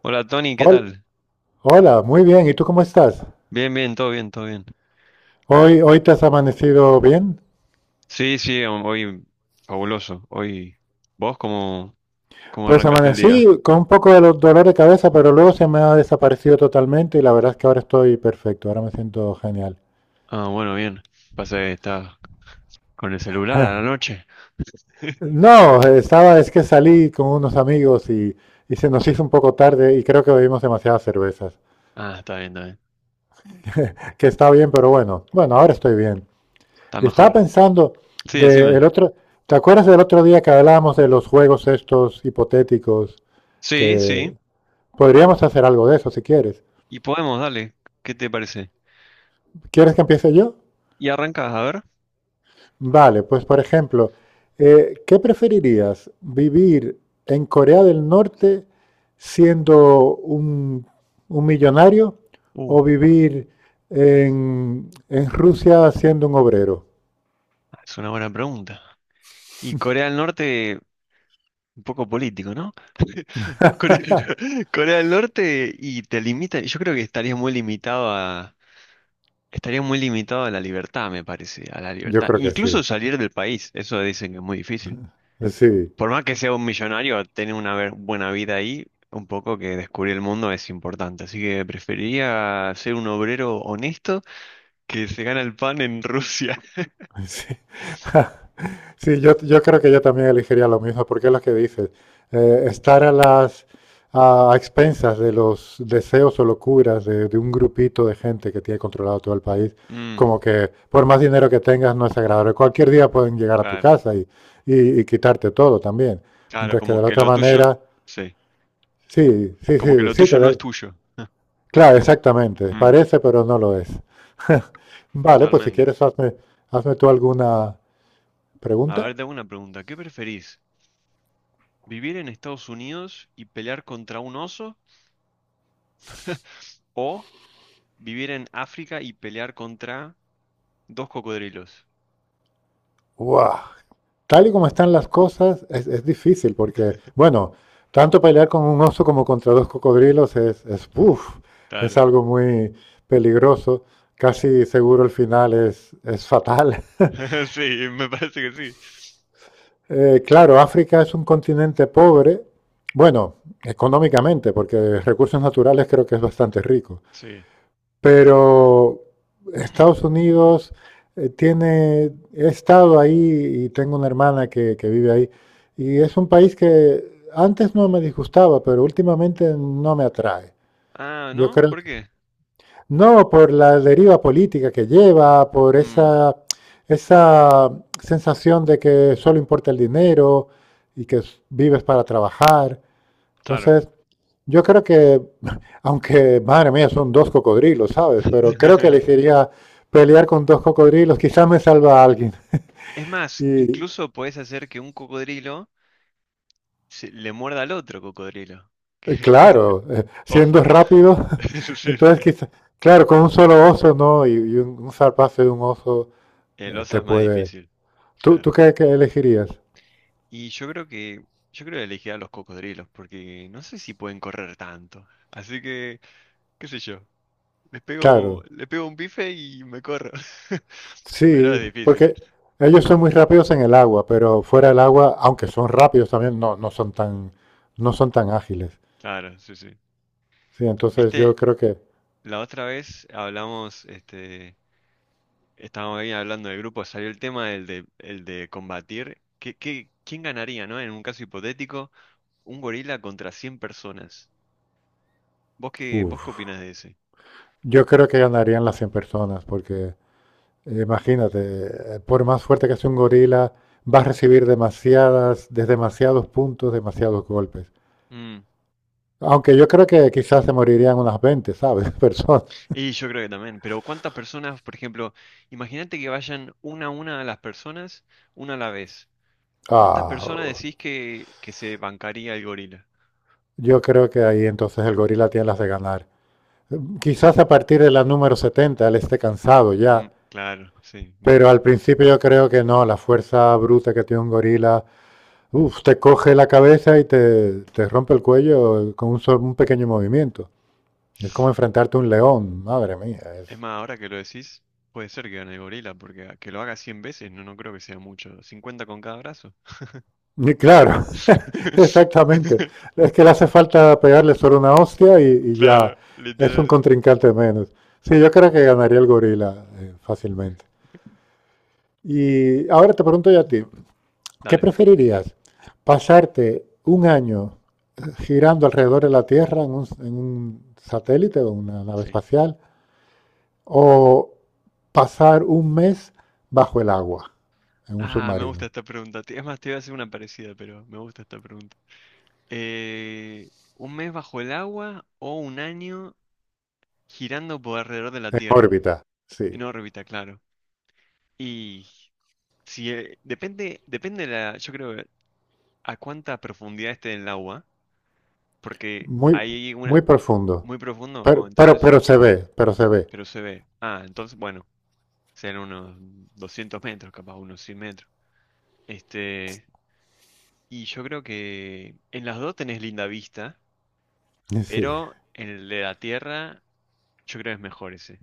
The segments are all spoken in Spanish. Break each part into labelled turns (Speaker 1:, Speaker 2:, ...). Speaker 1: Hola Tony, ¿qué
Speaker 2: Hol-
Speaker 1: tal?
Speaker 2: Hola, muy bien. ¿Y tú cómo estás?
Speaker 1: Bien, bien, todo bien, todo bien.
Speaker 2: Hoy te has amanecido bien.
Speaker 1: Sí, sí, hoy fabuloso. Hoy, ¿vos cómo
Speaker 2: Pues
Speaker 1: arrancaste el día?
Speaker 2: amanecí con un poco de dolor de cabeza, pero luego se me ha desaparecido totalmente y la verdad es que ahora estoy perfecto. Ahora me siento genial.
Speaker 1: Ah, bueno, bien. Pasa que estás con el celular a la noche.
Speaker 2: No, estaba, es que salí con unos amigos y se nos hizo un poco tarde y creo que bebimos demasiadas cervezas.
Speaker 1: Ah, está bien, está bien.
Speaker 2: Que está bien, pero bueno, bueno, ahora estoy bien.
Speaker 1: Está
Speaker 2: Y estaba
Speaker 1: mejor.
Speaker 2: pensando,
Speaker 1: Sí,
Speaker 2: de el
Speaker 1: decime.
Speaker 2: otro, ¿te acuerdas del otro día que hablábamos de los juegos estos hipotéticos?
Speaker 1: Sí,
Speaker 2: Que
Speaker 1: sí.
Speaker 2: Podríamos hacer algo de eso si quieres.
Speaker 1: Y podemos, dale. ¿Qué te parece?
Speaker 2: ¿Quieres que empiece yo?
Speaker 1: Y arrancás, a ver.
Speaker 2: Vale, pues por ejemplo, ¿qué preferirías? ¿Vivir en Corea del Norte siendo un millonario
Speaker 1: Uh,
Speaker 2: o vivir en, Rusia siendo un obrero?
Speaker 1: es una buena pregunta. Y Corea del Norte, un poco político, ¿no? Core- Corea del Norte y te limita. Yo creo que Estaría muy limitado a la libertad, me parece, a la
Speaker 2: Yo
Speaker 1: libertad.
Speaker 2: creo que
Speaker 1: Incluso
Speaker 2: sí.
Speaker 1: salir del país, eso dicen que es muy difícil.
Speaker 2: Sí.
Speaker 1: Por más que sea un millonario, tener una buena vida ahí, un poco que descubrir el mundo es importante. Así que preferiría ser un obrero honesto que se gana el pan en Rusia.
Speaker 2: Sí, sí, yo creo que yo también elegiría lo mismo, porque es lo que dices. Estar a las a expensas de los deseos o locuras de un grupito de gente que tiene controlado todo el país,
Speaker 1: Mm,
Speaker 2: como que por más dinero que tengas no es agradable. Cualquier día pueden llegar a tu
Speaker 1: claro,
Speaker 2: casa y, y quitarte todo también.
Speaker 1: claro,
Speaker 2: Mientras que
Speaker 1: como
Speaker 2: de la
Speaker 1: que
Speaker 2: otra
Speaker 1: lo tuyo,
Speaker 2: manera,
Speaker 1: sí,
Speaker 2: sí, sí,
Speaker 1: como que
Speaker 2: sí,
Speaker 1: lo
Speaker 2: sí,
Speaker 1: tuyo no es tuyo.
Speaker 2: claro, exactamente.
Speaker 1: Mm,
Speaker 2: Parece, pero no lo es. Vale, pues si
Speaker 1: totalmente.
Speaker 2: quieres, hazme tú alguna
Speaker 1: A
Speaker 2: pregunta.
Speaker 1: ver, te hago una pregunta. ¿Qué preferís? ¿Vivir en Estados Unidos y pelear contra un oso? ¿O vivir en África y pelear contra dos cocodrilos?
Speaker 2: Wow, tal y como están las cosas, es difícil porque, bueno, tanto pelear con un oso como contra dos cocodrilos uf, es
Speaker 1: Claro.
Speaker 2: algo muy peligroso. Casi seguro el final es fatal.
Speaker 1: Sí, me parece que sí.
Speaker 2: Claro, África es un continente pobre, bueno, económicamente, porque recursos naturales creo que es bastante rico.
Speaker 1: Sí.
Speaker 2: Pero Estados Unidos tiene, he estado ahí y tengo una hermana que vive ahí, y es un país que antes no me disgustaba, pero últimamente no me atrae.
Speaker 1: Ah,
Speaker 2: Yo
Speaker 1: ¿no?
Speaker 2: creo
Speaker 1: ¿Por
Speaker 2: que
Speaker 1: qué?
Speaker 2: no por la deriva política que lleva, por
Speaker 1: Mm,
Speaker 2: esa, sensación de que solo importa el dinero y que vives para trabajar.
Speaker 1: claro.
Speaker 2: Entonces, yo creo que, aunque, madre mía, son dos cocodrilos, ¿sabes? Pero creo que elegiría pelear con dos cocodrilos, quizás me salva a alguien.
Speaker 1: Es más,
Speaker 2: Y
Speaker 1: incluso podés hacer que un cocodrilo le muerda al otro cocodrilo.
Speaker 2: claro, siendo
Speaker 1: Ojo.
Speaker 2: rápido,
Speaker 1: Sí, sí,
Speaker 2: entonces quizás, claro, con un solo oso, ¿no? Y un zarpazo de un oso
Speaker 1: el oso
Speaker 2: te
Speaker 1: es más
Speaker 2: puede...
Speaker 1: difícil.
Speaker 2: ¿Tú
Speaker 1: Claro.
Speaker 2: qué elegirías?
Speaker 1: Y yo creo que elegiré a los cocodrilos porque no sé si pueden correr tanto. Así que, qué sé yo.
Speaker 2: Claro,
Speaker 1: Le pego un bife y me corro. Pero
Speaker 2: sí,
Speaker 1: es difícil.
Speaker 2: porque ellos son muy rápidos en el agua, pero fuera del agua, aunque son rápidos también, no son tan, no son tan ágiles.
Speaker 1: Claro, sí, sí.
Speaker 2: Sí, entonces yo
Speaker 1: Viste,
Speaker 2: creo que...
Speaker 1: la otra vez hablamos, este, estábamos ahí hablando del grupo, salió el tema el de combatir. ¿Quién ganaría, no? En un caso hipotético, un gorila contra 100 personas. ¿Vos qué, vos
Speaker 2: Uf.
Speaker 1: qué opinás de ese?
Speaker 2: Yo creo que ganarían las 100 personas, porque imagínate, por más fuerte que sea un gorila, va a recibir de demasiados puntos, demasiados golpes.
Speaker 1: Mm,
Speaker 2: Aunque yo creo que quizás se morirían unas 20, ¿sabes? Personas.
Speaker 1: Y yo creo que también. Pero ¿cuántas personas, por ejemplo, imagínate que vayan una a las personas, una a la vez. ¿Cuántas
Speaker 2: Ah,
Speaker 1: personas decís que se bancaría el gorila?
Speaker 2: yo creo que ahí entonces el gorila tiene las de ganar. Quizás a partir de la número 70 él esté cansado
Speaker 1: Mm,
Speaker 2: ya,
Speaker 1: claro, sí,
Speaker 2: pero
Speaker 1: imagino.
Speaker 2: al principio yo creo que no, la fuerza bruta que tiene un gorila, uf, te coge la cabeza y te rompe el cuello con un pequeño movimiento. Es como enfrentarte a un león, madre mía. Es...
Speaker 1: Es más, ahora que lo decís, puede ser que gane el gorila, porque que lo haga 100 veces no creo que sea mucho. 50 con cada brazo.
Speaker 2: Y claro, exactamente. Es que le hace falta pegarle solo una hostia y, ya
Speaker 1: Claro,
Speaker 2: es un
Speaker 1: literal.
Speaker 2: contrincante menos. Sí, yo creo que ganaría el gorila fácilmente. Y ahora te pregunto yo a
Speaker 1: Mm.
Speaker 2: ti, ¿qué
Speaker 1: Dale,
Speaker 2: preferirías? ¿Pasarte un año girando alrededor de la Tierra en un satélite o una nave
Speaker 1: sí.
Speaker 2: espacial? ¿O pasar un mes bajo el agua en un
Speaker 1: Ah, me gusta
Speaker 2: submarino,
Speaker 1: esta pregunta. Es más, te iba a hacer una parecida, pero me gusta esta pregunta. ¿Un mes bajo el agua o un año girando por alrededor de la
Speaker 2: en
Speaker 1: Tierra?
Speaker 2: órbita? Sí,
Speaker 1: En órbita, claro. Y si depende la, yo creo, que a cuánta profundidad esté en el agua. Porque
Speaker 2: muy,
Speaker 1: hay una
Speaker 2: muy profundo,
Speaker 1: muy profundo,
Speaker 2: pero,
Speaker 1: o
Speaker 2: pero,
Speaker 1: entonces,
Speaker 2: pero se ve, pero se ve,
Speaker 1: pero se ve. Ah, entonces, bueno, serán unos 200 metros, capaz unos 100 metros. Este, y yo creo que en las dos tenés linda vista,
Speaker 2: sí,
Speaker 1: pero en el de la Tierra yo creo que es mejor ese.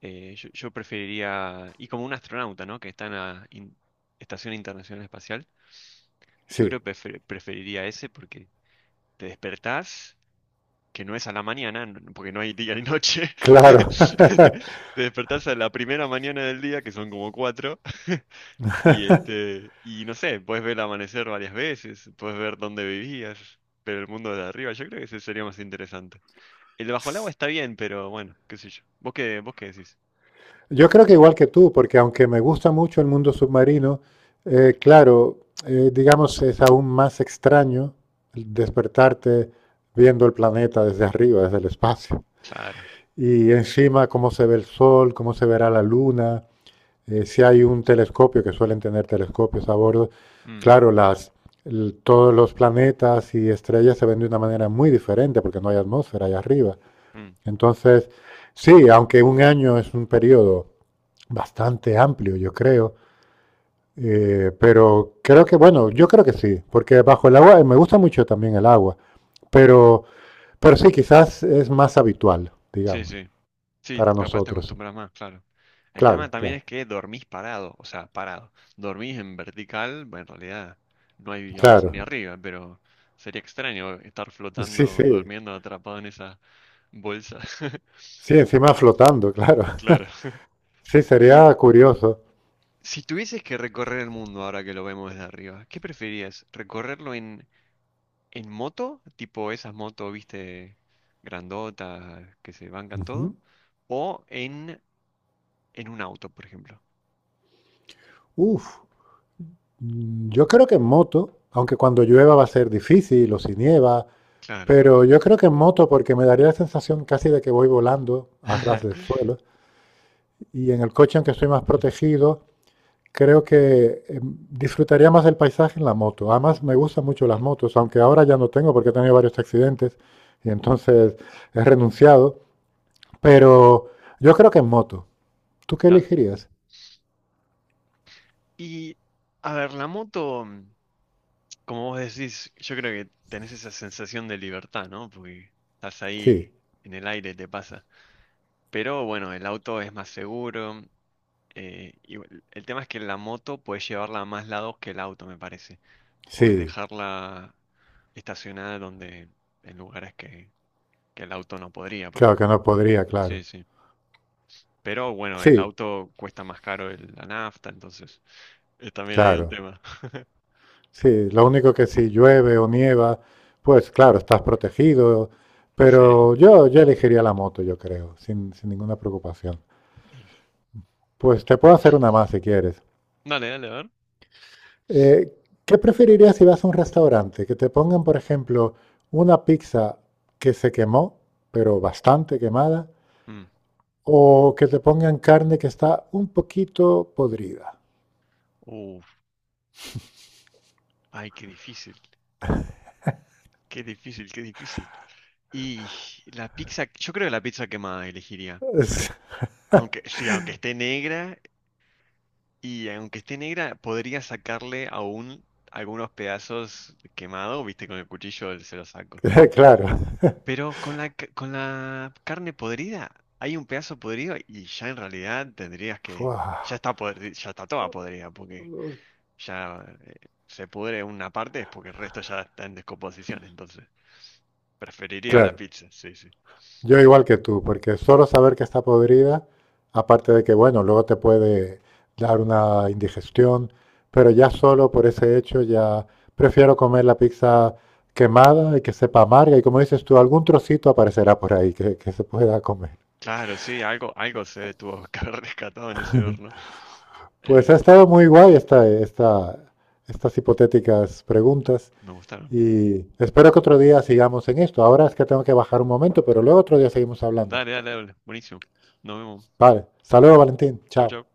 Speaker 1: Yo preferiría, y como un astronauta, ¿no? Que está en la Estación Internacional Espacial, yo
Speaker 2: sí,
Speaker 1: creo que preferiría ese porque te despertás que no es a la mañana, porque no hay día ni noche.
Speaker 2: claro.
Speaker 1: Te despertás a la primera mañana del día, que son como cuatro. Y este, y no sé, puedes ver el amanecer varias veces, puedes ver dónde vivías, pero el mundo de arriba, yo creo que ese sería más interesante. El de bajo el agua está bien, pero bueno, qué sé yo. ¿Vos qué decís?
Speaker 2: Yo creo que igual que tú, porque aunque me gusta mucho el mundo submarino, claro, digamos, es aún más extraño el despertarte viendo el planeta desde arriba, desde el espacio.
Speaker 1: Claro.
Speaker 2: Y encima cómo se ve el sol, cómo se verá la luna, si hay un telescopio, que suelen tener telescopios a bordo,
Speaker 1: Mm,
Speaker 2: claro, todos los planetas y estrellas se ven de una manera muy diferente porque no hay atmósfera allá arriba.
Speaker 1: mm.
Speaker 2: Entonces, sí, aunque un año es un periodo bastante amplio, yo creo, pero creo que, bueno, yo creo que sí, porque bajo el agua, me gusta mucho también el agua, pero, pero sí, quizás es más habitual,
Speaker 1: Sí,
Speaker 2: digamos,
Speaker 1: sí. Sí,
Speaker 2: para
Speaker 1: capaz te
Speaker 2: nosotros.
Speaker 1: acostumbras más, claro. El tema
Speaker 2: Claro,
Speaker 1: también
Speaker 2: claro,
Speaker 1: es que dormís parado, o sea, parado. Dormís en vertical, bueno, en realidad no hay abajo
Speaker 2: claro.
Speaker 1: ni arriba, pero sería extraño estar
Speaker 2: Sí,
Speaker 1: flotando,
Speaker 2: sí.
Speaker 1: durmiendo, atrapado en esa bolsa.
Speaker 2: Sí, encima flotando, claro.
Speaker 1: Claro.
Speaker 2: Sí,
Speaker 1: Y
Speaker 2: sería curioso.
Speaker 1: si tuvieses que recorrer el mundo ahora que lo vemos desde arriba, ¿qué preferirías? ¿Recorrerlo en, moto? Tipo esas motos, viste, grandotas, que se bancan todo.
Speaker 2: Ujú.
Speaker 1: ¿O en, un auto, por ejemplo?
Speaker 2: Uf, yo creo que en moto, aunque cuando llueva va a ser difícil o si nieva,
Speaker 1: Claro.
Speaker 2: pero yo creo que en moto porque me daría la sensación casi de que voy volando a ras del suelo, y en el coche, aunque estoy más protegido, creo que disfrutaría más del paisaje en la moto. Además, me gustan mucho las motos, aunque ahora ya no tengo porque he tenido varios accidentes y
Speaker 1: Uh,
Speaker 2: entonces he renunciado, pero yo creo que en moto. ¿Tú qué
Speaker 1: Está.
Speaker 2: elegirías?
Speaker 1: Y, a ver, la moto, como vos decís, yo creo que tenés esa sensación de libertad, ¿no? Porque estás
Speaker 2: Sí,
Speaker 1: ahí en el aire, te pasa. Pero bueno, el auto es más seguro. Y el tema es que la moto puedes llevarla a más lados que el auto, me parece. Puedes
Speaker 2: sí,
Speaker 1: dejarla estacionada donde, en lugares que el auto no podría, por
Speaker 2: claro que
Speaker 1: ejemplo.
Speaker 2: no podría, claro.
Speaker 1: Sí, sí. Pero bueno, el
Speaker 2: Sí,
Speaker 1: auto cuesta más caro la nafta, entonces también hay un
Speaker 2: claro.
Speaker 1: tema.
Speaker 2: Sí, lo único que si llueve o nieva, pues claro, estás protegido,
Speaker 1: Sí.
Speaker 2: pero yo, elegiría la moto, yo creo, sin ninguna preocupación. Pues te puedo hacer una más si quieres.
Speaker 1: Dale, dale, a ver.
Speaker 2: Eh, ¿Qué preferirías si vas a un restaurante? Que te pongan, por ejemplo, una pizza que se quemó, pero bastante quemada,
Speaker 1: Mm.
Speaker 2: o que te pongan carne que está un poquito podrida.
Speaker 1: Uf, ay, qué difícil. Qué difícil, qué difícil. Y la pizza, yo creo que la pizza quemada elegiría.
Speaker 2: Es-
Speaker 1: Aunque, sí, aunque esté negra, y aunque esté negra, podría sacarle aún algunos pedazos quemados, viste, con el cuchillo se los saco.
Speaker 2: Claro,
Speaker 1: Pero con la carne podrida, hay un pedazo podrido y ya en realidad tendrías que,
Speaker 2: fua.
Speaker 1: ya está toda podrida, porque ya se pudre una parte es porque el resto ya está en descomposición, entonces preferiría la
Speaker 2: Claro,
Speaker 1: pizza, sí, sí.
Speaker 2: yo igual que tú, porque solo saber que está podrida, aparte de que, bueno, luego te puede dar una indigestión, pero ya solo por ese hecho ya prefiero comer la pizza quemada y que sepa amarga y como dices tú, algún trocito aparecerá por ahí que se pueda comer.
Speaker 1: Claro, sí, algo se tuvo que haber rescatado en ese horno.
Speaker 2: Pues
Speaker 1: Eh,
Speaker 2: ha estado muy guay estas hipotéticas preguntas
Speaker 1: Me gustaron.
Speaker 2: y espero que otro día sigamos en esto. Ahora es que tengo que bajar un momento, pero luego otro día seguimos hablando.
Speaker 1: Dale, dale, dale. Buenísimo. Nos vemos.
Speaker 2: Vale, saludos Valentín,
Speaker 1: Chau,
Speaker 2: chao.
Speaker 1: chau.